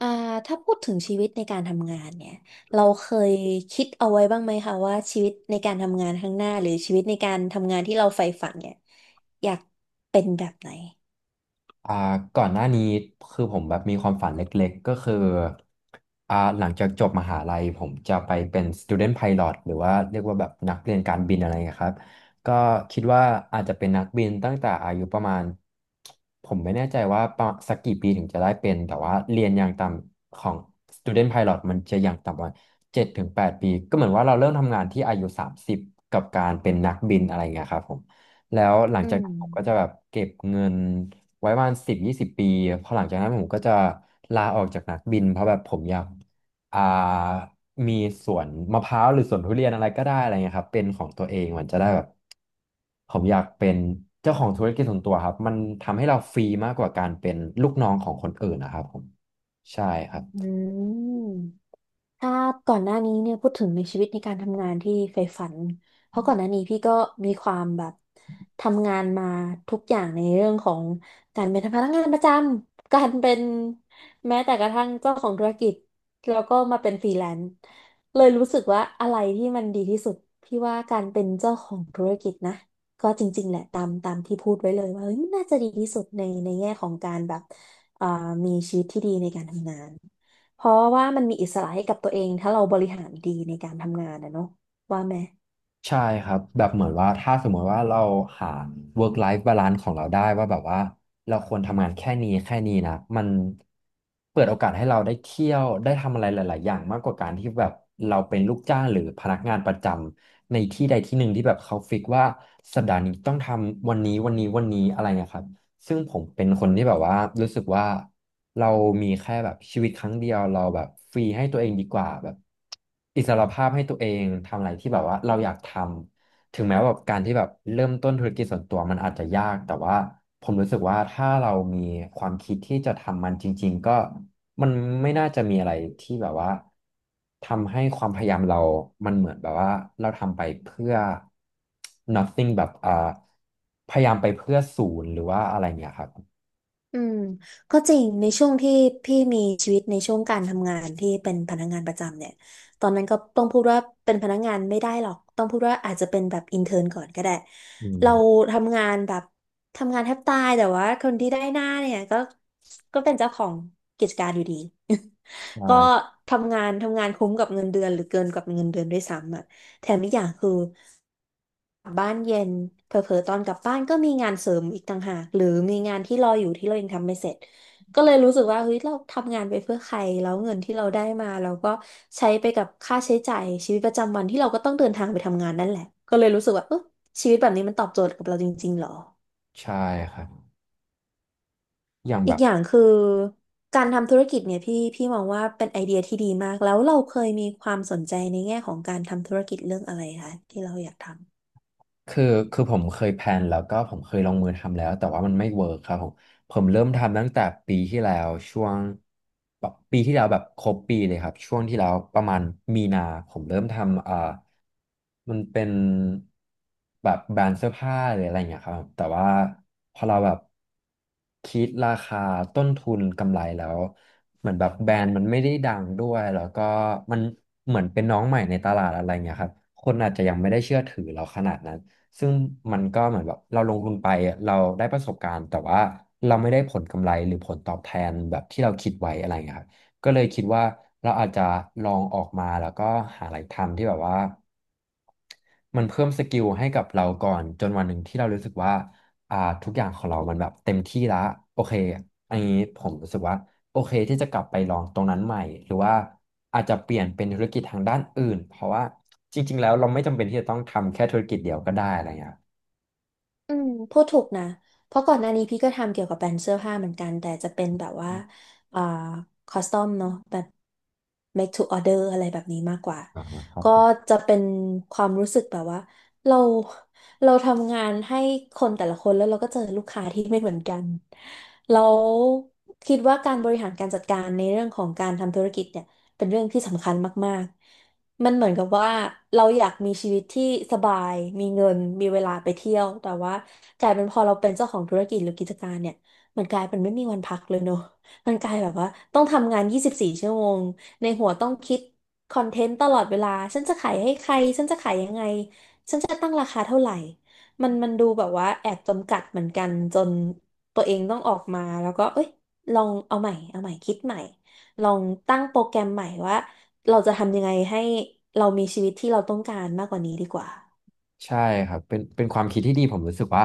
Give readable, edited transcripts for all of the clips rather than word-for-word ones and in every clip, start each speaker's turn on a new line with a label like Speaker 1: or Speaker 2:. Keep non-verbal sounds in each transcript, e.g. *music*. Speaker 1: อ่าถ้าพูดถึงชีวิตในการทำงานเนี่ยเราเคยคิดเอาไว้บ้างไหมคะว่าชีวิตในการทำงานข้างหน้าหรือชีวิตในการทำงานที่เราใฝ่ฝันเนี่ยอยากเป็นแบบไหน
Speaker 2: อ่าก่อนหน้านี้คือผมแบบมีความฝันเล็กๆก็คือหลังจากจบมหาลัยผมจะไปเป็น student pilot หรือว่าเรียกว่าแบบนักเรียนการบินอะไรเงี้ยครับก็คิดว่าอาจจะเป็นนักบินตั้งแต่อายุประมาณผมไม่แน่ใจว่าประมาณสักกี่ปีถึงจะได้เป็นแต่ว่าเรียนอย่างต่ำของ student pilot มันจะอย่างต่ำประมาณ7-8 ปีก็เหมือนว่าเราเริ่มทำงานที่อายุ30กับการเป็นนักบินอะไรเงี้ยครับผมแล้วหลัง
Speaker 1: อื
Speaker 2: จากนั้นผมก็จะ
Speaker 1: ม
Speaker 2: แบบเก็บเงิน ไว้ประมาณ10-20 ปีพอหลังจากนั้นผมก็จะลาออกจากนักบินเพราะแบบผมอยากอ่ามีสวนมะพร้าวหรือสวนทุเรียนอะไรก็ได้อะไรเงี้ยครับเป็นของตัวเองมันจะได้แบบผมอยากเป็นเจ้าของธุรกิจส่วนตัวครับมันทำให้เราฟรีมากกว่าการเป็นลูกน้องของคนอื่นนะครับผมใช่ครับ
Speaker 1: อืม ถ้าก่อนหน้านี้เนี่ยพูดถึงในชีวิตในการทำงานที่ใฝ่ฝันเพราะก่อนหน้านี้พี่ก็มีความแบบทำงานมาทุกอย่างในเรื่องของการเป็นพนักงานประจำการเป็นแม้แต่กระทั่งเจ้าของธุรกิจแล้วก็มาเป็นฟรีแลนซ์เลยรู้สึกว่าอะไรที่มันดีที่สุดพี่ว่าการเป็นเจ้าของธุรกิจนะก็จริงๆแหละตามที่พูดไว้เลยว่าเฮ้ยน่าจะดีที่สุดในแง่ของการแบบเอ่อมีชีวิตที่ดีในการทำงาน เพราะว่ามันมีอิสระให้กับตัวเองถ้าเราบริหารดีในการทำงานนะเนาะว่าไหม
Speaker 2: ใช่ครับแบบเหมือนว่าถ้าสมมติว่าเราหา work life balance ของเราได้ว่าแบบว่าเราควรทำงานแค่นี้แค่นี้นะมันเปิดโอกาสให้เราได้เที่ยวได้ทำอะไรหลาย ๆ อย่างมากกว่าการที่แบบเราเป็นลูกจ้างหรือพนักงานประจำในที่ใดที่หนึ่งที่แบบเขาฟิกว่าสัปดาห์นี้ต้องทำวันนี้วันนี้วันนี้อะไรเงี้ยครับ ซึ่งผมเป็นคนที่แบบว่ารู้สึกว่าเรามีแค่แบบชีวิตครั้งเดียวเราแบบฟรีให้ตัวเองดีกว่าแบบอิสรภาพให้ตัวเองทำอะไรที่แบบว่าเราอยากทำถึงแม้ว่าแบบการที่แบบเริ่มต้นธุรกิจส่วนตัวมันอาจจะยากแต่ว่าผมรู้สึกว่าถ้าเรามีความคิดที่จะทำมันจริงๆก็ มันไม่น่าจะมีอะไรที่แบบว่าทำให้ความพยายามเรามันเหมือนแบบว่าเราทำไปเพื่อ nothing แบบพยายามไปเพื่อศูนย์หรือว่าอะไรเงี้ยครับ
Speaker 1: อืมก็จริงในช่วงที่พี่มีชีวิตในช่วงการทำงานที่เป็นพนักงานประจำเนี่ยตอนนั้นก็ต้องพูดว่าเป็นพนักงานไม่ได้หรอกต้องพูดว่าอาจจะเป็นแบบอินเทอร์นก่อนก็ได้
Speaker 2: อื
Speaker 1: เรา
Speaker 2: ม
Speaker 1: ทำงานแบบทำงานแทบตายแต่ว่าคนที่ได้หน้าเนี่ยก็ก็เป็นเจ้าของกิจการอยู่ดี *laughs* ก็
Speaker 2: ใช่
Speaker 1: ทำงานทำงานคุ้มกับเงินเดือนหรือเกินกับเงินเดือนด้วยซ้ำอ่ะแถมอีกอย่างคือ กลับบ้านเย็นเผลอๆตอนกลับบ้านก็มีงานเสริมอีกต่างหากหรือมีงานที่รออยู่ที่เรายังทำไม่เสร็จก็เลยรู้สึกว่าเฮ้ยเราทำงานไปเพื่อใครแล้วเงินที่เราได้มาเราก็ใช้ไปกับค่าใช้จ่ายชีวิตประจำวันที่เราก็ต้องเดินทางไปทำงานนั่นแหละก็เลยรู้สึกว่าเออชีวิตแบบนี้มันตอบโจทย์กับเราจริงๆหรอ
Speaker 2: ใช่ครับอย่างแบ
Speaker 1: อีก
Speaker 2: บ
Speaker 1: อย่างคือการทำธุรกิจเนี่ยพี่มองว่าเป็นไอเดียที่ดีมากแล้วเราเคยมีความสนใจในแง่ของการทำธุรกิจเรื่องอะไรคะที่เราอยากทำ
Speaker 2: คือคือผมเคยแพลนแล้วก็ผมเคยลงมือทำแล้วแต่ว่ามันไม่เวิร์คครับผมผมเริ่มทำตั้งแต่ปีที่แล้วช่วงแบบปีที่แล้วแบบครบปีเลยครับช่วงที่แล้วประมาณมีนาผมเริ่มทำมันเป็นแบบแบรนด์เสื้อผ้าหรืออะไรอย่างเงี้ยครับแต่ว่าพอเราแบบคิดราคาต้นทุนกำไรแล้วเหมือนแบบแบรนด์มันไม่ได้ดังด้วยแล้วก็มันเหมือนเป็นน้องใหม่ในตลาดอะไรเงี้ยครับคนอาจจะยังไม่ได้เชื่อถือเราขนาดนั้น ซึ่งมันก็เหมือนแบบเราลงทุนไปอะเราได้ประสบการณ์แต่ว่าเราไม่ได้ผลกำไรหรือผลตอบแทนแบบที่เราคิดไว้อะไรอย่างเงี้ยครับก็เลยคิดว่าเราอาจจะลองออกมาแล้วก็หาอะไรทำที่แบบว่ามันเพิ่มสกิลให้กับเราก่อนจนวันหนึ่งที่เรารู้สึกว่าอ่าทุกอย่างของเรามันแบบเต็มที่ละโอเคอันนี้ผมรู้สึกว่า โอเคที่จะกลับไปลองตรงนั้นใหม่หรือว่าอาจจะเปลี่ยนเป็นธุรกิจทางด้านอื่นเพราะว่าจริงๆแล้วเราไม่จำเป็นที่จะต้องทำแค่ธุรกิจเดียวก็ได้อะไรเงี้ยครั
Speaker 1: อืมพูดถูกนะเพราะก่อนหน้านี้พี่ก็ทำเกี่ยวกับแบรนด์เสื้อผ้าเหมือนกันแต่จะเป็นแบบว่าอ่าคอสตอมเนาะแบบ make to order อะไรแบบนี้มากกว่า
Speaker 2: อ่าครับ
Speaker 1: ก็
Speaker 2: ผม
Speaker 1: จะเป็นความรู้สึกแบบว่าเราเราทำงานให้คนแต่ละคนแล้วเราก็เจอลูกค้าที่ไม่เหมือนกันเราคิดว่าการบริหารการจัดการในเรื่องของการทำธุรกิจเนี่ย เป็นเรื่องที่สำคัญมากๆมันเหมือนกับว่าเราอยากมีชีวิตที่สบาย มีเงิน มีเวลาไปเที่ยว แต่ว่ากลายเป็นพอเราเป็นเจ้าของธุรกิจหรือกิจการเนี่ย มันกลายเป็นไม่มีวันพักเลยเนอะ *laughs* มันกลายแบบว่าต้องทำงาน 24 ชั่วโมงในหัวต้องคิดคอนเทนต์ตลอดเวลาฉันจะขายให้ใครฉันจะขายยังไงฉันจะตั้งราคาเท่าไหร่มันดูแบบว่าแอบจำกัดเหมือนกันจนตัวเองต้องออกมาแล้วก็เอ้ยลองเอาใหม่เอาใหม่คิดใหม่ ลองตั้งโปรแกรมใหม่ว่าเราจะทำยังไงให้เรามีชีวิตที่เราต้องการมากกว่านี้ดีกว่า
Speaker 2: ใช่ครับเป็นความคิดที่ดีผมรู้สึกว่า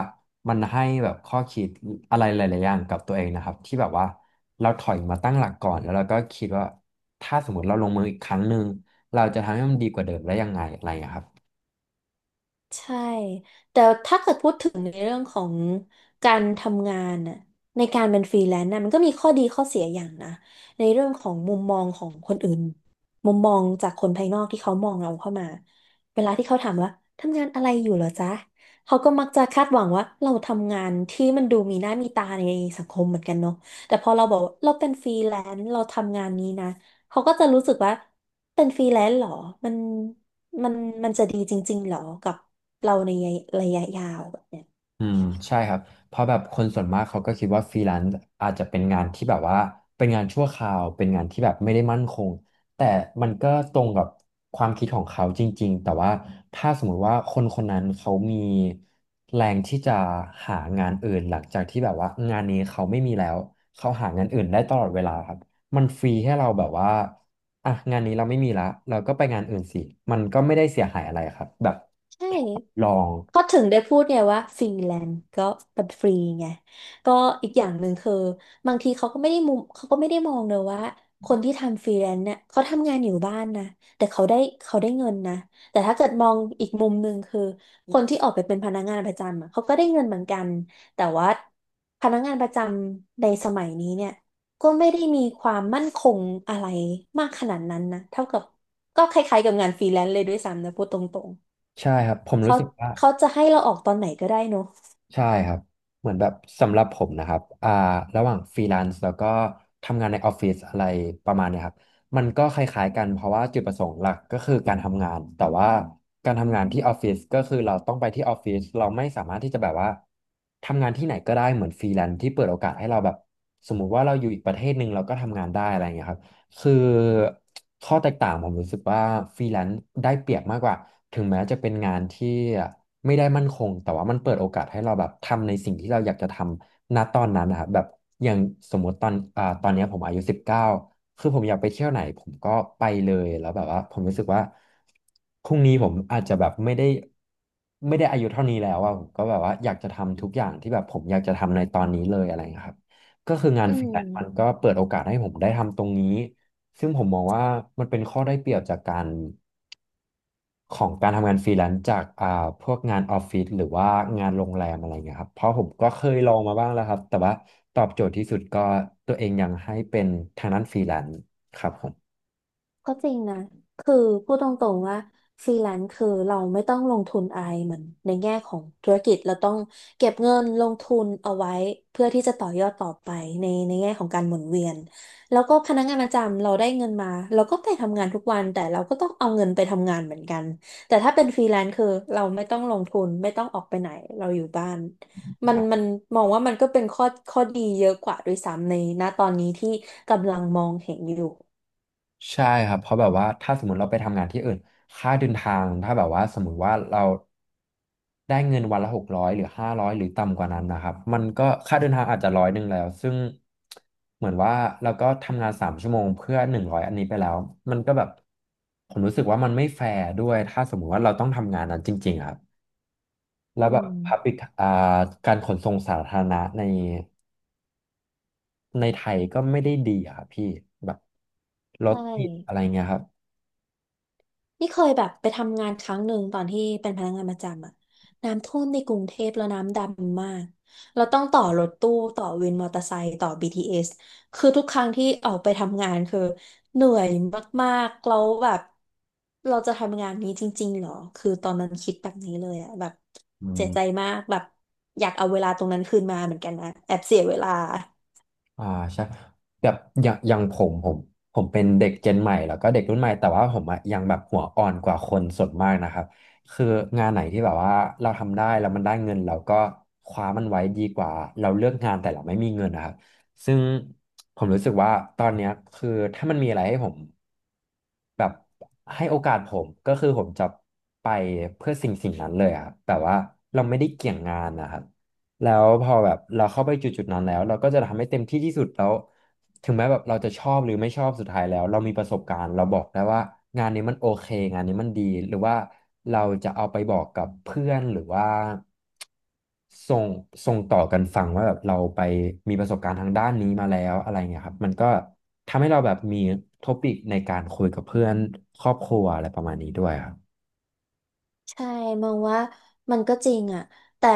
Speaker 2: มันให้แบบข้อคิดอะไรหลายๆอย่างกับตัวเองนะครับที่แบบว่าเราถอยมาตั้งหลักก่อนแล้วเราก็คิดว่าถ้าสมมติเราลงมืออีกครั้งหนึ่งเราจะทำให้มันดีกว่าเดิมได้ยังไงอะไรอย่างเงี้ยครับ
Speaker 1: ใช่ แต่ถ้าเกิดพูดถึงในเรื่องของการทำงานน่ะในการเป็นฟรีแลนซ์น่ะมันก็มีข้อดีข้อเสียอย่างนะในเรื่องของมุมมองของคนอื่นมุมมองจากคนภายนอกที่เขามองเราเข้ามาเวลาที่เขาถามว่าทำงานอะไรอยู่เหรอจ๊ะเขาก็มักจะคาดหวังว่าเราทำงานที่มันดูมีหน้ามีตาในสังคมเหมือนกันเนาะแต่พอเราบอกว่าเราเป็นฟรีแลนซ์เราทำงานนี้นะเขาก็จะรู้สึกว่าเป็นฟรีแลนซ์เหรอมัน มันมันจะดีจริงๆเหรอ กับเราในระยะยาวแบบเนี้ย
Speaker 2: อืมใช่ครับเพราะแบบคนส่วนมากเขาก็คิดว่าฟรีแลนซ์อาจจะเป็นงานที่แบบว่าเป็นงานชั่วคราวเป็นงานที่แบบไม่ได้มั่นคงแต่มันก็ตรงกับความคิดของเขาจริงๆแต่ว่าถ้าสมมุติว่าคนคนนั้นเขามีแรงที่จะหางานอื่นหลังจากที่แบบว่างานนี้เขาไม่มีแล้วเขาหางานอื่นได้ตลอดเวลาครับมันฟรีให้เราแบบว่าอ่ะงานนี้เราไม่มีละเราก็ไปงานอื่นสิมันก็ไม่ได้เสียหายอะไรครับแบบ
Speaker 1: ใช่
Speaker 2: ลอง
Speaker 1: ก็ถึงได้พูดไงว่าฟรีแลนซ์ก็เป็นฟรีไงก็อีกอย่างหนึ่งคือบางทีเขาก็ไม่ได้มุมเขาก็ไม่ได้มองเลยว่าคนที่ทำฟรีแลนซ์เนี่ยเขาทำงานอยู่บ้านนะแต่เขาได้เงินนะแต่ถ้าเกิดมองอีกมุมหนึ่งคือคนที่ออกไปเป็นพนักงานประจำอะเขาก็ได้เงินเหมือนกันแต่ว่าพนักงานประจำในสมัยนี้เนี่ยก็ไม่ได้มีความมั่นคงอะไรมากขนาดนั้นนะเท่ากับก็คล้ายๆกับงานฟรีแลนซ์เลยด้วยซ้ำนะพูดตรง
Speaker 2: ใช่ครับผมรู้
Speaker 1: เขา
Speaker 2: สึกว่า
Speaker 1: เขาจะให้เราออกตอนไหนก็ได้เนอะ
Speaker 2: ใช่ครับเหมือนแบบสำหรับผมนะครับระหว่างฟรีแลนซ์แล้วก็ทำงานในออฟฟิศอะไรประมาณเนี้ยครับมันก็คล้ายๆกันเพราะว่าจุดประสงค์หลักก็คือการทำงานแต่ว่าการทำงานที่ออฟฟิศก็คือเราต้องไปที่ออฟฟิศเราไม่สามารถที่จะแบบว่าทำงานที่ไหนก็ได้เหมือนฟรีแลนซ์ที่เปิดโอกาสให้เราแบบสมมุติว่าเราอยู่อีกประเทศหนึ่งเราก็ทำงานได้อะไรอย่างเงี้ยครับ คือข้อแตกต่างผมรู้สึกว่าฟรีแลนซ์ได้เปรียบมากกว่าถึงแม้จะเป็นงานที่ไม่ได้มั่นคงแต่ว่ามันเปิดโอกาสให้เราแบบทำในสิ่งที่เราอยากจะทำณตอนนั้นนะครับแบบอย่างสมมติตอนตอนเนี้ยผมอายุ19คือผมอยากไปเที่ยวไหนผมก็ไปเลยแล้วแบบว่าผมรู้สึกว่าพรุ่งนี้ผมอาจจะแบบไม่ได้อายุเท่านี้แล้วอะผมก็แบบว่าอยากจะทำทุกอย่างที่แบบผมอยากจะทำในตอนนี้เลยอะไรอย่างเงี้ยครับก็คืองาน
Speaker 1: อื
Speaker 2: ฟรี
Speaker 1: ม
Speaker 2: แลนซ์มันก็เปิดโอกาสให้ผมได้ทำตรงนี้ ซึ่งผมมองว่ามันเป็นข้อได้เปรียบจากการของการทำงานฟรีแลนซ์จากพวกงานออฟฟิศหรือว่างานโรงแรมอะไรเงี้ยครับเพราะผมก็เคยลองมาบ้างแล้วครับแต่ว่าตอบโจทย์ที่สุดก็ตัวเองยังให้เป็นทางด้านฟรีแลนซ์ครับผม
Speaker 1: ก็จริงนะคือพูดตรงๆว่าฟรีแลนซ์คือเราไม่ต้องลงทุนอะไรเหมือนในแง่ของธุรกิจเราต้องเก็บเงินลงทุนเอาไว้เพื่อที่จะต่อยอดต่อไปในแง่ของการหมุนเวียนแล้วก็พนักงานประจำเราได้เงินมาเราก็ไปทำงานทุกวันแต่เราก็ต้องเอาเงินไปทำงานเหมือนกันแต่ถ้าเป็นฟรีแลนซ์คือเราไม่ต้องลงทุนไม่ต้องออกไปไหนเราอยู่บ้านมันมองว่ามันก็เป็นข้อข้อดีเยอะกว่าด้วยซ้ำในณตอนนี้ที่กำลังมองเห็นอยู่
Speaker 2: ใช่ครับเพราะแบบว่าถ้าสมมติเราไปทำงานที่อื่นค่าเดินทางถ้าแบบว่าสมมติว่าเราได้เงินวันละ600หรือ500หรือต่ำกว่านั้นนะครับมันก็ค่าเดินทางอาจจะ100แล้วซึ่งเหมือนว่าเราก็ทำงาน3 ชั่วโมงเพื่อ100อันนี้ไปแล้วมันก็แบบผมรู้สึกว่ามันไม่แฟร์ด้วยถ้าสมมติว่าเราต้องทำงานนั้นจริงๆครับแล้
Speaker 1: อื
Speaker 2: วแบบ
Speaker 1: ม
Speaker 2: public อ่าการขนส่งสาธารณะในไทยก็ไม่ได้ดีอะครับพี่แบบรถ
Speaker 1: ใช่
Speaker 2: ติดอะไรเงี้ยครับ
Speaker 1: นี่เคยแบบไปทำงานครั้งหนึ่งตอนที่เป็นพนักงานประจำอะน้ำท่วมในกรุงเทพแล้วน้ำดำมากเราต้องต่อรถตู้ต่อวินมอเตอร์ไซค์ต่อ BTS คือทุกครั้งที่ออกไปทำงานคือเหนื่อยมากๆแล้วแบบเราจะทำงานนี้จริงๆเหรอคือตอนนั้นคิดแบบนี้เลยอะแบบ
Speaker 2: อื
Speaker 1: เสียใจ
Speaker 2: ม
Speaker 1: มากแบบอยากเอาเวลาตรงนั้นคืนมาเหมือนกันนะแอบเสียเวลา
Speaker 2: อ่าใช่แบบอย่างอย่างผมผมเป็นเด็กเจนใหม่แล้วก็เด็กรุ่นใหม่แต่ว่าผมอะยังแบบหัวอ่อนกว่าคนส่วนมากนะครับคืองานไหนที่แบบว่าเราทำได้แล้วมันได้เงินเราก็คว้ามันไว้ดีกว่าเราเลือกงานแต่เราไม่มีเงินนะครับซึ่งผมรู้สึกว่าตอนเนี้ยคือถ้ามันมีอะไรให้ผมแบบให้โอกาสผมก็คือผมจะไปเพื่อสิ่งนั้นเลยอะครับแบบว่าเราไม่ได้เกี่ยงงานนะครับ แล้วพอแบบเราเข้าไปจุดๆนั้นแล้วเราก็จะทำให้เต็มที่ที่สุดแล้วถึงแม้แบบเราจะชอบหรือไม่ชอบสุดท้ายแล้วเรามีประสบการณ์เราบอกได้ว่างานนี้มันโอเคงานนี้มันดีหรือว่าเราจะเอาไปบอกกับเพื่อนหรือว่าส่งต่อกันฟังว่าแบบเราไปมีประสบการณ์ทางด้านนี้มาแล้วอะไรเงี้ยครับมันก็ทำให้เราแบบมีท็อปิกในการคุยกับเพื่อนครอบครัวอะไรประมาณนี้ด้วยครับ
Speaker 1: ใช่มองว่ามันก็จริงอ่ะแต่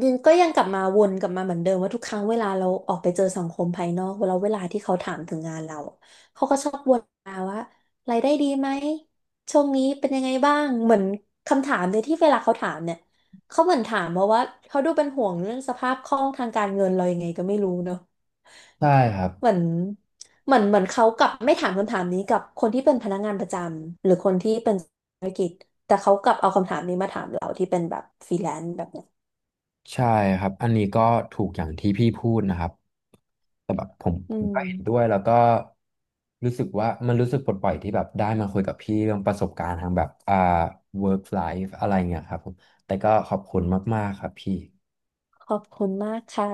Speaker 1: ดินก็ยังกลับมาวนกลับมาเหมือนเดิมว่าทุกครั้งเวลาเราออกไปเจอสังคมภายนอกเวลาที่เขาถามถึงงานเราอะเขาก็ชอบวนมาว่ารายได้ดีไหมช่วงนี้เป็นยังไงบ้างเหมือนคำถามเลยที่เวลาเขาถามเนี่ยเขาเหมือนถามมาว่าเขาดูเป็นห่วงเรื่องสภาพคล่องทางการเงินเรายังไงก็ไม่รู้เนอะ
Speaker 2: ใช่ครับ
Speaker 1: เหมือนเหมือนเขากลับไม่ถามคำถามนี้กับคนที่เป็นพนักงานประจำหรือคนที่เป็น แต่เขากลับเอาคำถามนี้มาถามเราที่เป็นแบบฟรีแลนซ์แบบเนี้ย
Speaker 2: ใช่อันนี้ก็ถูกอย่างที่พี่พูดนะครับ แต่แบบผม
Speaker 1: อื
Speaker 2: ก็เห็นด้วย
Speaker 1: ม
Speaker 2: แล้วก็รู้สึกว่ามันรู้สึกปลดปล่อยที่แบบได้มาคุยกับพี่เรื่องประสบการณ์ทางแบบwork life อะไรเงี้ยครับผมแต่ก็ขอบคุณมากๆครับพี่
Speaker 1: ขอบคุณมากค่ะ